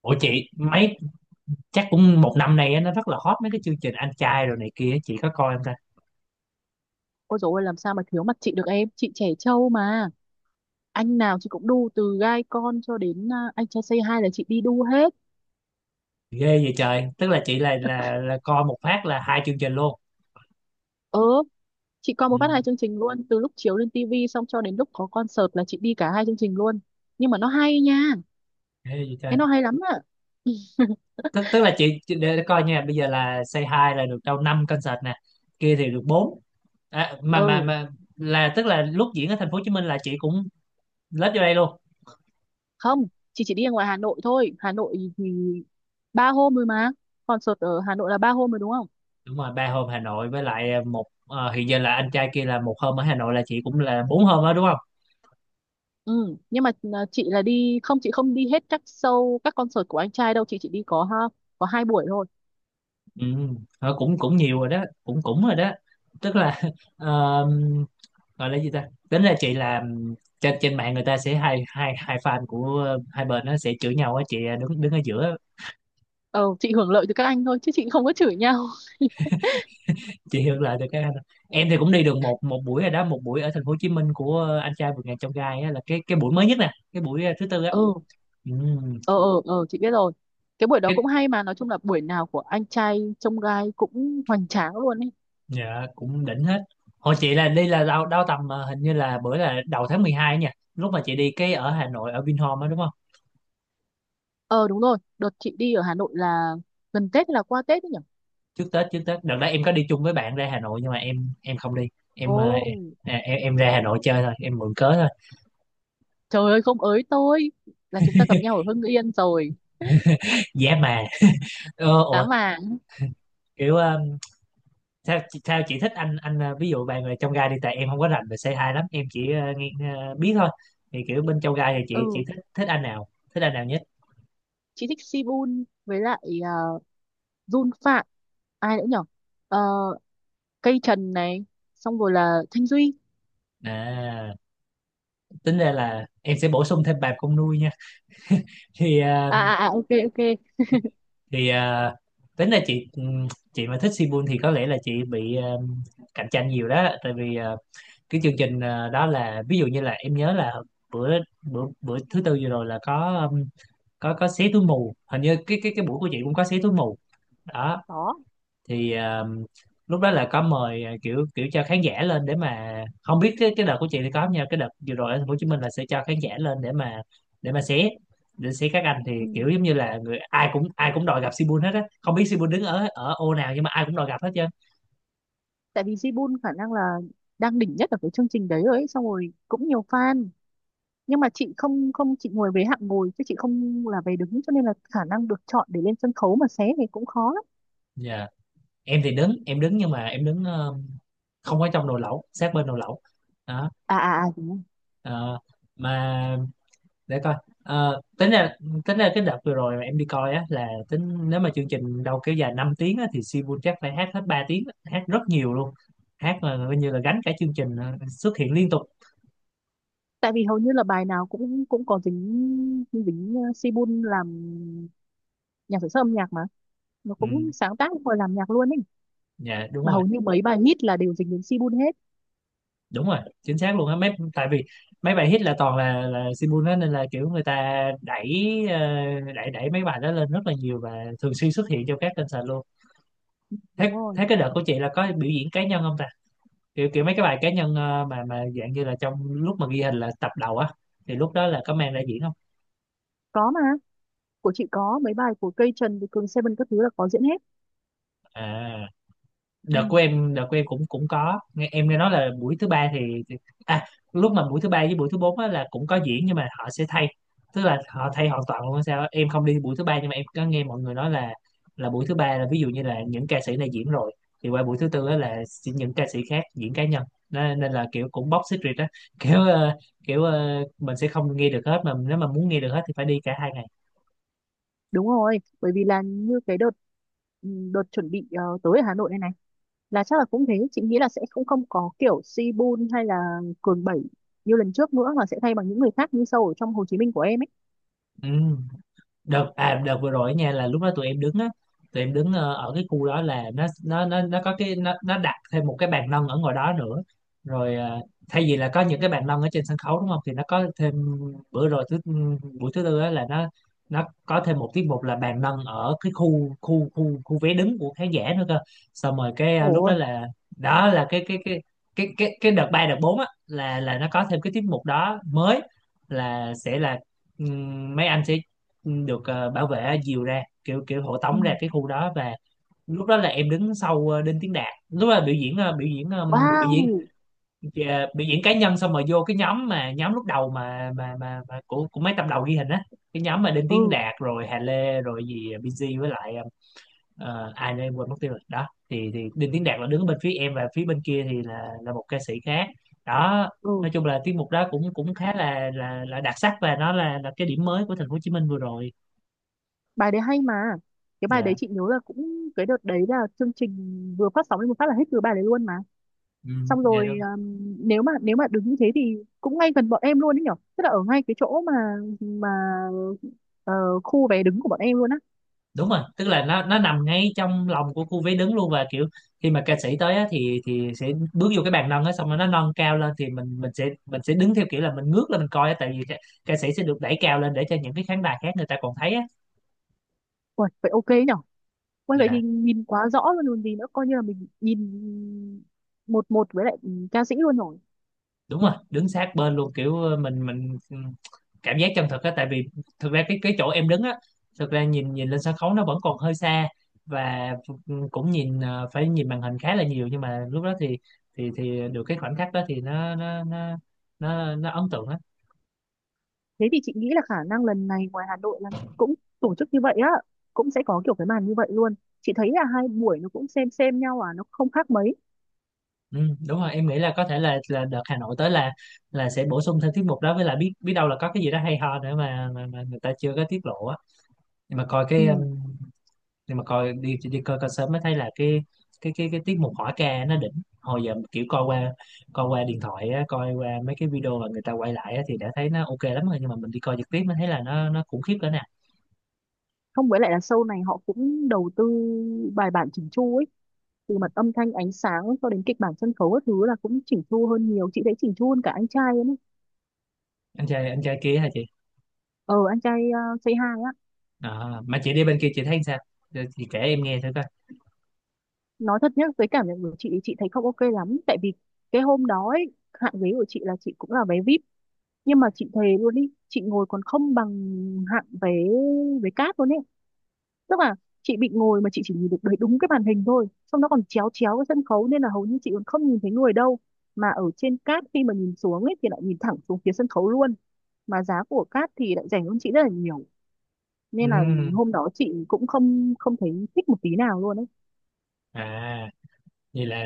Ủa chị mấy chắc cũng một năm nay á, nó rất là hot mấy cái chương trình Anh trai rồi này kia, chị có coi không ta? Ôi dồi ôi, làm sao mà thiếu mặt chị được em. Chị trẻ trâu mà. Anh nào chị cũng đu, từ gai con cho đến anh trai Say Hi là chị đi đu hết. Ghê vậy trời, tức là chị là coi một phát là hai chương trình luôn. Ừ, chị coi một Ừ, phát hai chương trình luôn. Từ lúc chiếu lên tivi xong cho đến lúc có concert là chị đi cả hai chương trình luôn. Nhưng mà nó hay nha, ghê vậy trời. nó hay lắm ạ. Tức tức là để coi nha, bây giờ là Say Hi là được đâu 5 concert nè, kia thì được 4. À, Ừ, mà là tức là lúc diễn ở thành phố Hồ Chí Minh là chị cũng lết vô đây luôn. không, chị chỉ đi ở ngoài Hà Nội thôi. Hà Nội thì ba hôm rồi mà. Concert ở Hà Nội là ba hôm rồi đúng không? Đúng rồi, 3 hôm Hà Nội với lại hiện giờ là anh trai kia là một hôm ở Hà Nội, là chị cũng là 4 hôm đó đúng. Ừ, nhưng mà chị là đi không, chị không đi hết các show các concert của anh trai đâu, chị chỉ đi có có hai buổi thôi. Ừ, cũng cũng nhiều rồi đó, cũng cũng rồi đó, tức là ờm, gọi là gì ta, tính ra chị làm trên trên mạng người ta sẽ hai hai hai fan của hai bên, nó sẽ chửi nhau á chị, đứng đứng ở giữa. Ờ, chị hưởng lợi từ các anh thôi chứ chị không có chửi nhau. Chị hiểu là được cái, em thì cũng đi được một một buổi rồi đó, một buổi ở thành phố Hồ Chí Minh của anh trai vượt ngàn chông gai á, là cái buổi mới nhất nè, cái buổi thứ tư á. Ừ. Ừ, Ờ, chị biết rồi. Cái buổi đó cái cũng hay mà, nói chung là buổi nào của anh trai trông gai cũng hoành tráng luôn ấy. dạ, cũng đỉnh hết. Hồi chị là đi là đâu đâu tầm hình như là bữa là đầu tháng 12 nha, lúc mà chị đi cái ở Hà Nội ở Vinhome á đúng không? Ờ đúng rồi, đợt chị đi ở Hà Nội là gần Tết hay là qua Tết ấy nhỉ? Trước Tết đợt đó em có đi chung với bạn ra Hà Nội, nhưng mà em không đi. em Ồ, ờ, em ra Hà Nội chơi thôi, em mượn cớ thôi. trời ơi, không ới tôi, là chúng ta gặp nhau ở Hưng Yên rồi. Giá mà Giá ủa, vàng. kiểu sao chị thích anh ví dụ bạn là trong gai đi, tại em không có rành về C2 lắm, em chỉ nghe, biết thôi. Thì kiểu bên trong gai thì chị Ừ, thích thích anh nào, thích anh nào nhất? chị thích Sibun với lại uh, Jun Phạm, ai nữa nhỉ? Ờ, Cây Trần này, xong rồi là Thanh Duy. À, tính ra là em sẽ bổ sung thêm bà con nuôi nha. thì ờ, À à à, ok ok. thì ờ, tính ra chị mà thích Sibun thì có lẽ là chị bị cạnh tranh nhiều đó, tại vì cái chương trình đó là ví dụ như là em nhớ là bữa bữa bữa thứ tư vừa rồi là có xé túi mù, hình như cái buổi của chị cũng có xé túi mù đó. Đó. Thì lúc đó là có mời kiểu kiểu cho khán giả lên để mà, không biết cái đợt của chị thì có không nha, cái đợt vừa rồi ở thành phố Hồ Chí Minh là sẽ cho khán giả lên để mà xé để xé các anh, thì Ừ, kiểu giống như là người ai cũng đòi gặp Sibun hết á, không biết Sibun đứng ở ở ô nào, nhưng mà ai cũng đòi gặp hết trơn. tại vì Jibun khả năng là đang đỉnh nhất ở cái chương trình đấy rồi ấy, xong rồi cũng nhiều fan. Nhưng mà chị không không chị ngồi về hạng ngồi chứ chị không là về đứng, cho nên là khả năng được chọn để lên sân khấu mà xé thì cũng khó lắm. Dạ. Em thì đứng, em đứng nhưng mà em đứng ờ, không ở trong nồi lẩu, sát bên nồi lẩu đó, À à à, đúng rồi. ờ, mà để coi. Ờ, tính ra cái đợt vừa rồi mà em đi coi á, là tính nếu mà chương trình đâu kéo dài 5 tiếng á, thì Sibun chắc phải hát hết 3 tiếng, hát rất nhiều luôn, hát là coi như là gánh cả chương trình, xuất hiện liên tục. Tại vì hầu như là bài nào cũng cũng có dính dính Sibun làm nhà sản xuất âm nhạc mà, nó Ừ, cũng sáng tác rồi làm nhạc luôn ấy. dạ đúng Mà rồi, hầu như mấy bài hit là đều dính đến Sibun hết. đúng rồi chính xác luôn á, mấy tại vì mấy bài hit là toàn là Sibun á, nên là kiểu người ta đẩy, ờ, đẩy đẩy mấy bài đó lên rất là nhiều và thường xuyên xuất hiện trong các kênh sàn luôn. Đúng thế rồi, thế cái đợt của chị là có biểu diễn cá nhân không ta? Kiểu kiểu mấy cái bài cá nhân mà dạng như là trong lúc mà ghi hình là tập đầu á, thì lúc đó là có mang ra diễn không? có mà, của chị có mấy bài của Cây Trần với Cường Seven các thứ là có diễn hết. À, Ừ. Đợt của em cũng cũng có nghe, em nghe nói là buổi thứ ba thì- à, lúc mà buổi thứ ba với buổi thứ bốn á là cũng có diễn, nhưng mà họ sẽ thay, tức là họ thay hoàn toàn luôn hay sao á. Em không đi buổi thứ ba, nhưng mà em có nghe mọi người nói là buổi thứ ba là ví dụ như là những ca sĩ này diễn rồi, thì qua buổi thứ tư á là sẽ những ca sĩ khác diễn cá nhân. Nên là kiểu cũng box secret á kiểu ờ, kiểu mình sẽ không nghe được hết, mà nếu mà muốn nghe được hết thì phải đi cả 2 ngày. Đúng rồi, bởi vì là như cái đợt, đợt chuẩn bị tới ở Hà Nội này này là chắc là cũng thế, chị nghĩ là sẽ không không có kiểu Sibun hay là Cường Bảy như lần trước nữa, mà sẽ thay bằng những người khác như sâu ở trong Hồ Chí Minh của em ấy. Ừ, đợt vừa rồi nha, là lúc đó tụi em đứng á, tụi em đứng ở cái khu đó là nó có cái, nó đặt thêm một cái bàn nâng ở ngoài đó nữa, rồi thay vì là có những cái bàn nâng ở trên sân khấu đúng không, thì nó có thêm bữa rồi buổi thứ tư á là nó có thêm một tiết mục là bàn nâng ở cái khu khu khu khu vé đứng của khán giả nữa cơ, xong rồi lúc Ồ. Đó là cái đợt ba đợt bốn á là nó có thêm cái tiết mục đó mới, là sẽ là mấy anh sẽ được bảo vệ dìu ra, kiểu kiểu hộ Ừ. tống ra cái khu đó. Và lúc đó là em đứng sau Đinh Tiến Đạt, lúc đó là biểu diễn ờ, biểu diễn Wow. ờ, biểu diễn cá nhân, xong rồi vô cái nhóm mà lúc đầu mà của mấy tập đầu ghi hình á, cái nhóm mà Đinh Tiến Ừ. Đạt rồi Hà Lê rồi gì BG với lại ai nữa em quên mất tiêu rồi đó. Thì Đinh Tiến Đạt là đứng bên phía em và phía bên kia thì là một ca sĩ khác đó. Ừ, Nói chung là tiết mục đó cũng cũng khá là đặc sắc, và nó là cái điểm mới của thành phố Hồ Chí Minh vừa rồi. bài đấy hay mà. Cái bài đấy Dạ. chị nhớ là cũng cái đợt đấy là chương trình vừa phát sóng lên một phát là hết từ bài đấy luôn. Ừ, Xong dạ đúng rồi um, nếu mà đứng như thế thì cũng ngay gần bọn em luôn đấy nhở, tức là ở ngay cái chỗ mà ờ, khu vé đứng của bọn em luôn á. đúng rồi, tức là nó nằm ngay trong lòng của khu vé đứng luôn, và kiểu khi mà ca sĩ tới á, thì sẽ bước vô cái bàn nâng á, xong rồi nó nâng cao lên, thì mình sẽ đứng theo kiểu là mình ngước lên mình coi á, tại vì ca sĩ sẽ được đẩy cao lên để cho những cái khán đài khác người ta còn thấy á. Uầy, vậy ok nhở. Uầy, vậy Dạ thì nhìn quá rõ luôn còn gì nữa, coi như là mình nhìn một một với lại ca sĩ luôn rồi. đúng rồi, đứng sát bên luôn, kiểu cảm giác chân thực á, tại vì thực ra cái chỗ em đứng á, thực ra nhìn nhìn lên sân khấu nó vẫn còn hơi xa, và cũng nhìn, phải nhìn màn hình khá là nhiều, nhưng mà lúc đó thì được cái khoảnh khắc đó thì nó ấn tượng á. Thế thì chị nghĩ là khả năng lần này ngoài Hà Nội là cũng tổ chức như vậy á, cũng sẽ có kiểu cái màn như vậy luôn. Chị thấy là hai buổi nó cũng xem nhau à, nó không khác mấy. Ừ, đúng rồi, em nghĩ là có thể là đợt Hà Nội tới là sẽ bổ sung thêm tiết mục đó, với lại biết biết đâu là có cái gì đó hay ho nữa mà người ta chưa có tiết lộ á. nhưng mà coi Ừ. cái um, nhưng mà coi đi đi coi coi sớm mới thấy là cái tiết mục hỏi ca nó đỉnh. Hồi giờ kiểu coi qua điện thoại á, coi qua mấy cái video mà người ta quay lại á, thì đã thấy nó ok lắm rồi, nhưng mà mình đi coi trực tiếp mới thấy là nó khủng khiếp cỡ nào. Không, với lại là show này họ cũng đầu tư bài bản chỉnh chu ấy, từ mặt âm thanh ánh sáng cho đến kịch bản sân khấu các thứ là cũng chỉnh chu hơn nhiều, chị thấy chỉnh chu hơn cả anh trai ấy. Anh trai kia hả chị? Ờ anh trai Say Hi á. À, mà chị đi bên kia chị thấy sao? Giờ chị kể em nghe thử coi. Nói thật nhá, với cảm nhận của chị thấy không ok lắm, tại vì cái hôm đó ấy, hạng ghế của chị là chị cũng là vé VIP, nhưng mà chị thề luôn đi, chị ngồi còn không bằng hạng vé vé cát luôn ấy. Tức là chị bị ngồi mà chị chỉ nhìn được đấy đúng cái màn hình thôi, xong nó còn chéo chéo cái sân khấu nên là hầu như chị còn không nhìn thấy người đâu. Mà ở trên cát khi mà nhìn xuống ấy thì lại nhìn thẳng xuống phía sân khấu luôn, mà giá của cát thì lại rẻ hơn chị rất là nhiều. Nên là Ừm, hôm đó chị cũng không không thấy thích một tí nào luôn ấy. à Vậy là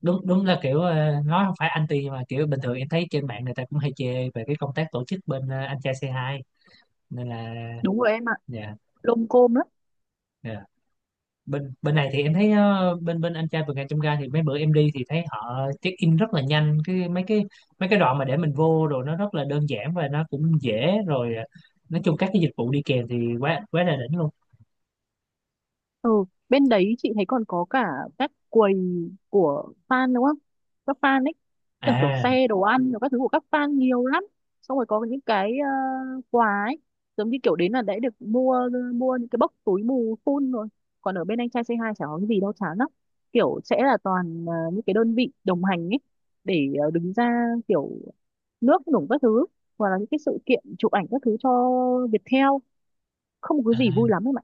đúng đúng là kiểu nói không phải anti, nhưng mà kiểu bình thường em thấy trên mạng người ta cũng hay chê về cái công tác tổ chức bên anh trai C2, nên là. Đúng rồi em ạ, Dạ. lôm côm lắm. Dạ. bên bên này thì em thấy, bên bên anh trai vượt ngàn chông gai thì mấy bữa em đi thì thấy họ check in rất là nhanh, cái mấy cái đoạn mà để mình vô, rồi nó rất là đơn giản và nó cũng dễ, rồi nói chung các cái dịch vụ đi kèm thì quá quá là đỉnh luôn. Ừ, bên đấy chị thấy còn có cả các quầy của fan đúng không? Các fan ấy, kiểu, kiểu À, xe đồ ăn, rồi các thứ của các fan nhiều lắm. Xong rồi có những cái quà ấy, giống như kiểu đến là đã được mua mua những cái bốc túi mù full rồi. Còn ở bên anh trai C hai chả có cái gì đâu, chán lắm. Kiểu sẽ là toàn những cái đơn vị đồng hành ấy để đứng ra kiểu nước nủng các thứ, hoặc là những cái sự kiện chụp ảnh các thứ cho Viettel, không có à, gì vui lắm em ạ.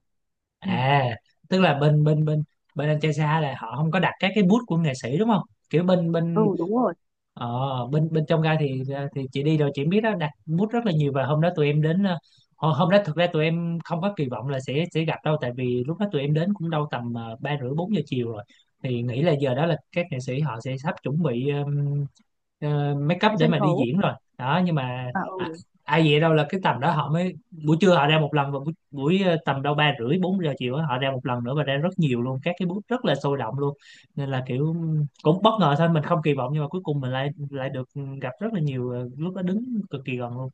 Ừ. à tức là bên bên bên bên anh trai xa là họ không có đặt các cái booth của nghệ sĩ đúng không, kiểu bên Ừ bên. đúng rồi. Ờ, bên bên trong gai thì chị đi rồi chị biết đó, đặt bút rất là nhiều, và hôm đó tụi em đến hôm hôm đó thực ra tụi em không có kỳ vọng là sẽ gặp đâu, tại vì lúc đó tụi em đến cũng đâu tầm 3 rưỡi 4 giờ chiều rồi, thì nghĩ là giờ đó là các nghệ sĩ họ sẽ sắp chuẩn bị make up Trên để sân mà đi khấu. diễn rồi đó, nhưng mà À à, ừ. ai vậy đâu là cái tầm đó họ mới, buổi trưa họ ra một lần, và buổi, buổi ờ, tầm đâu 3 rưỡi 4 giờ chiều á, họ ra một lần nữa và ra rất nhiều luôn, các cái bút rất là sôi động luôn, nên là kiểu cũng bất ngờ thôi, mình không kỳ vọng, nhưng mà cuối cùng mình lại lại được gặp rất là nhiều, lúc đó đứng cực kỳ gần luôn.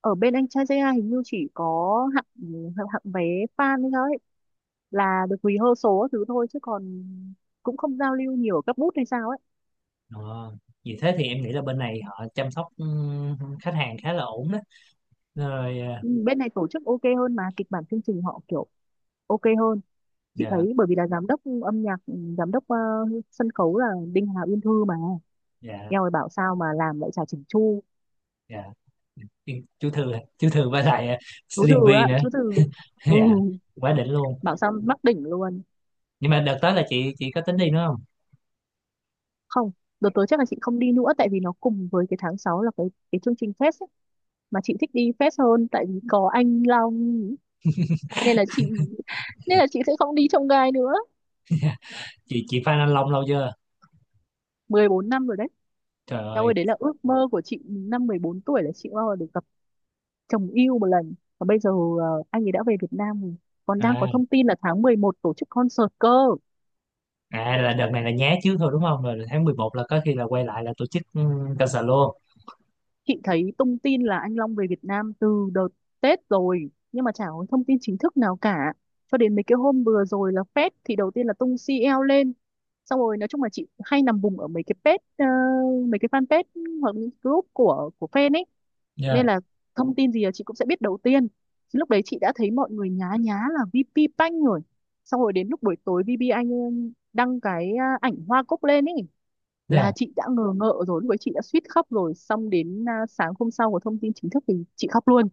Ở bên anh trai JI hình như chỉ có hạng hạng vé fan ấy thôi là được rehearsal các thứ thôi, chứ còn cũng không giao lưu nhiều ở các booth hay sao ấy. Ờ, vì thế thì em nghĩ là bên này họ chăm sóc khách hàng khá là ổn đó, rồi Ừ, bên này tổ chức ok hơn mà kịch bản chương trình họ kiểu ok hơn. Chị dạ. thấy bởi vì là giám đốc âm nhạc, giám đốc sân khấu là Đinh Hà Uyên Thư mà. Dạ. Eo ơi, bảo sao mà làm lại chả chỉnh chu. Dạ. Yên- chú Thư chú Thư với lại Chú Từ Slim V á, nữa. chú Từ. Ừ, Dạ, quá đỉnh luôn. bảo sao mắc đỉnh luôn. Nhưng mà đợt tới là chị có tính đi nữa không? Không, đợt tới chắc là chị không đi nữa, tại vì nó cùng với cái tháng 6 là cái chương trình fest ấy. Mà chị thích đi fest hơn tại vì có anh Long, nên là chị nên là chị sẽ không đi trông gai nữa. Chị Phan Anh Long lâu chưa? Mười bốn năm rồi đấy. Trời Eo ơi. ơi, đấy là ước mơ của chị năm 14 tuổi là chị bao giờ được gặp chồng yêu một lần, và bây giờ anh ấy đã về Việt Nam rồi, còn đang có à thông tin là tháng 11 tổ chức concert cơ. à là đợt này là nhá trước thôi đúng không, rồi tháng 11 là có khi là quay lại là tổ chức concert luôn. Chị thấy tung tin là anh Long về Việt Nam từ đợt Tết rồi, nhưng mà chả có thông tin chính thức nào cả, cho đến mấy cái hôm vừa rồi là Fed thì đầu tiên là tung CL lên. Xong rồi nói chung là chị hay nằm vùng ở mấy cái page mấy cái fanpage hoặc những group của fan ấy, Dạ. nên là thông tin gì là chị cũng sẽ biết đầu tiên. Thì lúc đấy chị đã thấy mọi người nhá nhá là VP Banh rồi, xong rồi đến lúc buổi tối VP Anh đăng cái ảnh hoa cúc lên ấy, Dạ. là chị đã ngờ ngợ rồi, lúc ấy chị đã suýt khóc rồi, xong đến sáng hôm sau có thông tin chính thức thì chị khóc luôn.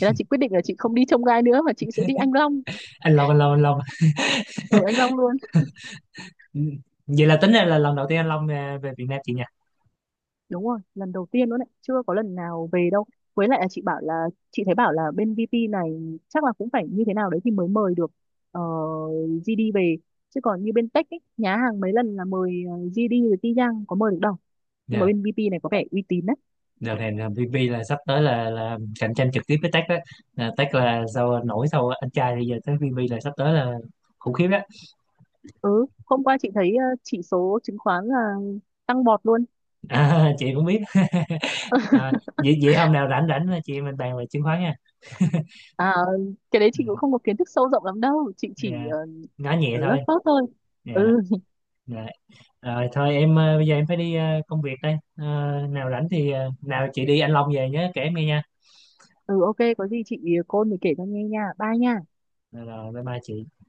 Thế là chị quyết định là chị không đi trông gai nữa mà chị sẽ đi Anh Long, Anh Long, anh Long, anh Long. ở Anh Long luôn. Ừ. Vậy là tính ra là lần đầu tiên anh Long về Việt Nam chị nha. Đúng rồi, lần đầu tiên luôn đấy, chưa có lần nào về đâu. Với lại là chị bảo là, chị thấy bảo là bên VP này chắc là cũng phải như thế nào đấy thì mới mời được ờ, GD về, chứ còn như bên Tech ấy, nhá hàng mấy lần là mời GD rồi Ti Giang có mời được đâu. Nhưng mà Dạ. bên VP này có vẻ uy tín đấy. Đợt này là VP là sắp tới là cạnh tranh trực tiếp với Tech đó. Là Tech là sau nổi sau anh trai thì giờ tới VP là sắp tới là khủng khiếp đó. Ừ, hôm qua chị thấy chỉ số chứng khoán là tăng bọt luôn. À, chị cũng biết. À, vậy hôm nào rảnh rảnh là chị em mình bàn về chứng khoán nha. À, cái đấy chị cũng Ừ. không có kiến thức sâu rộng lắm đâu, chị chỉ Dạ. Nói nhẹ lớt thôi. phớt thôi. Dạ. Ừ. Dạ. Rồi thôi em à, bây giờ em phải đi công việc đây. À, nào rảnh thì nào chị đi anh Long về nhớ kể em nghe nha. Ừ ok, có gì chị cô mình kể cho nghe nha, bye nha. Rồi bye bye chị.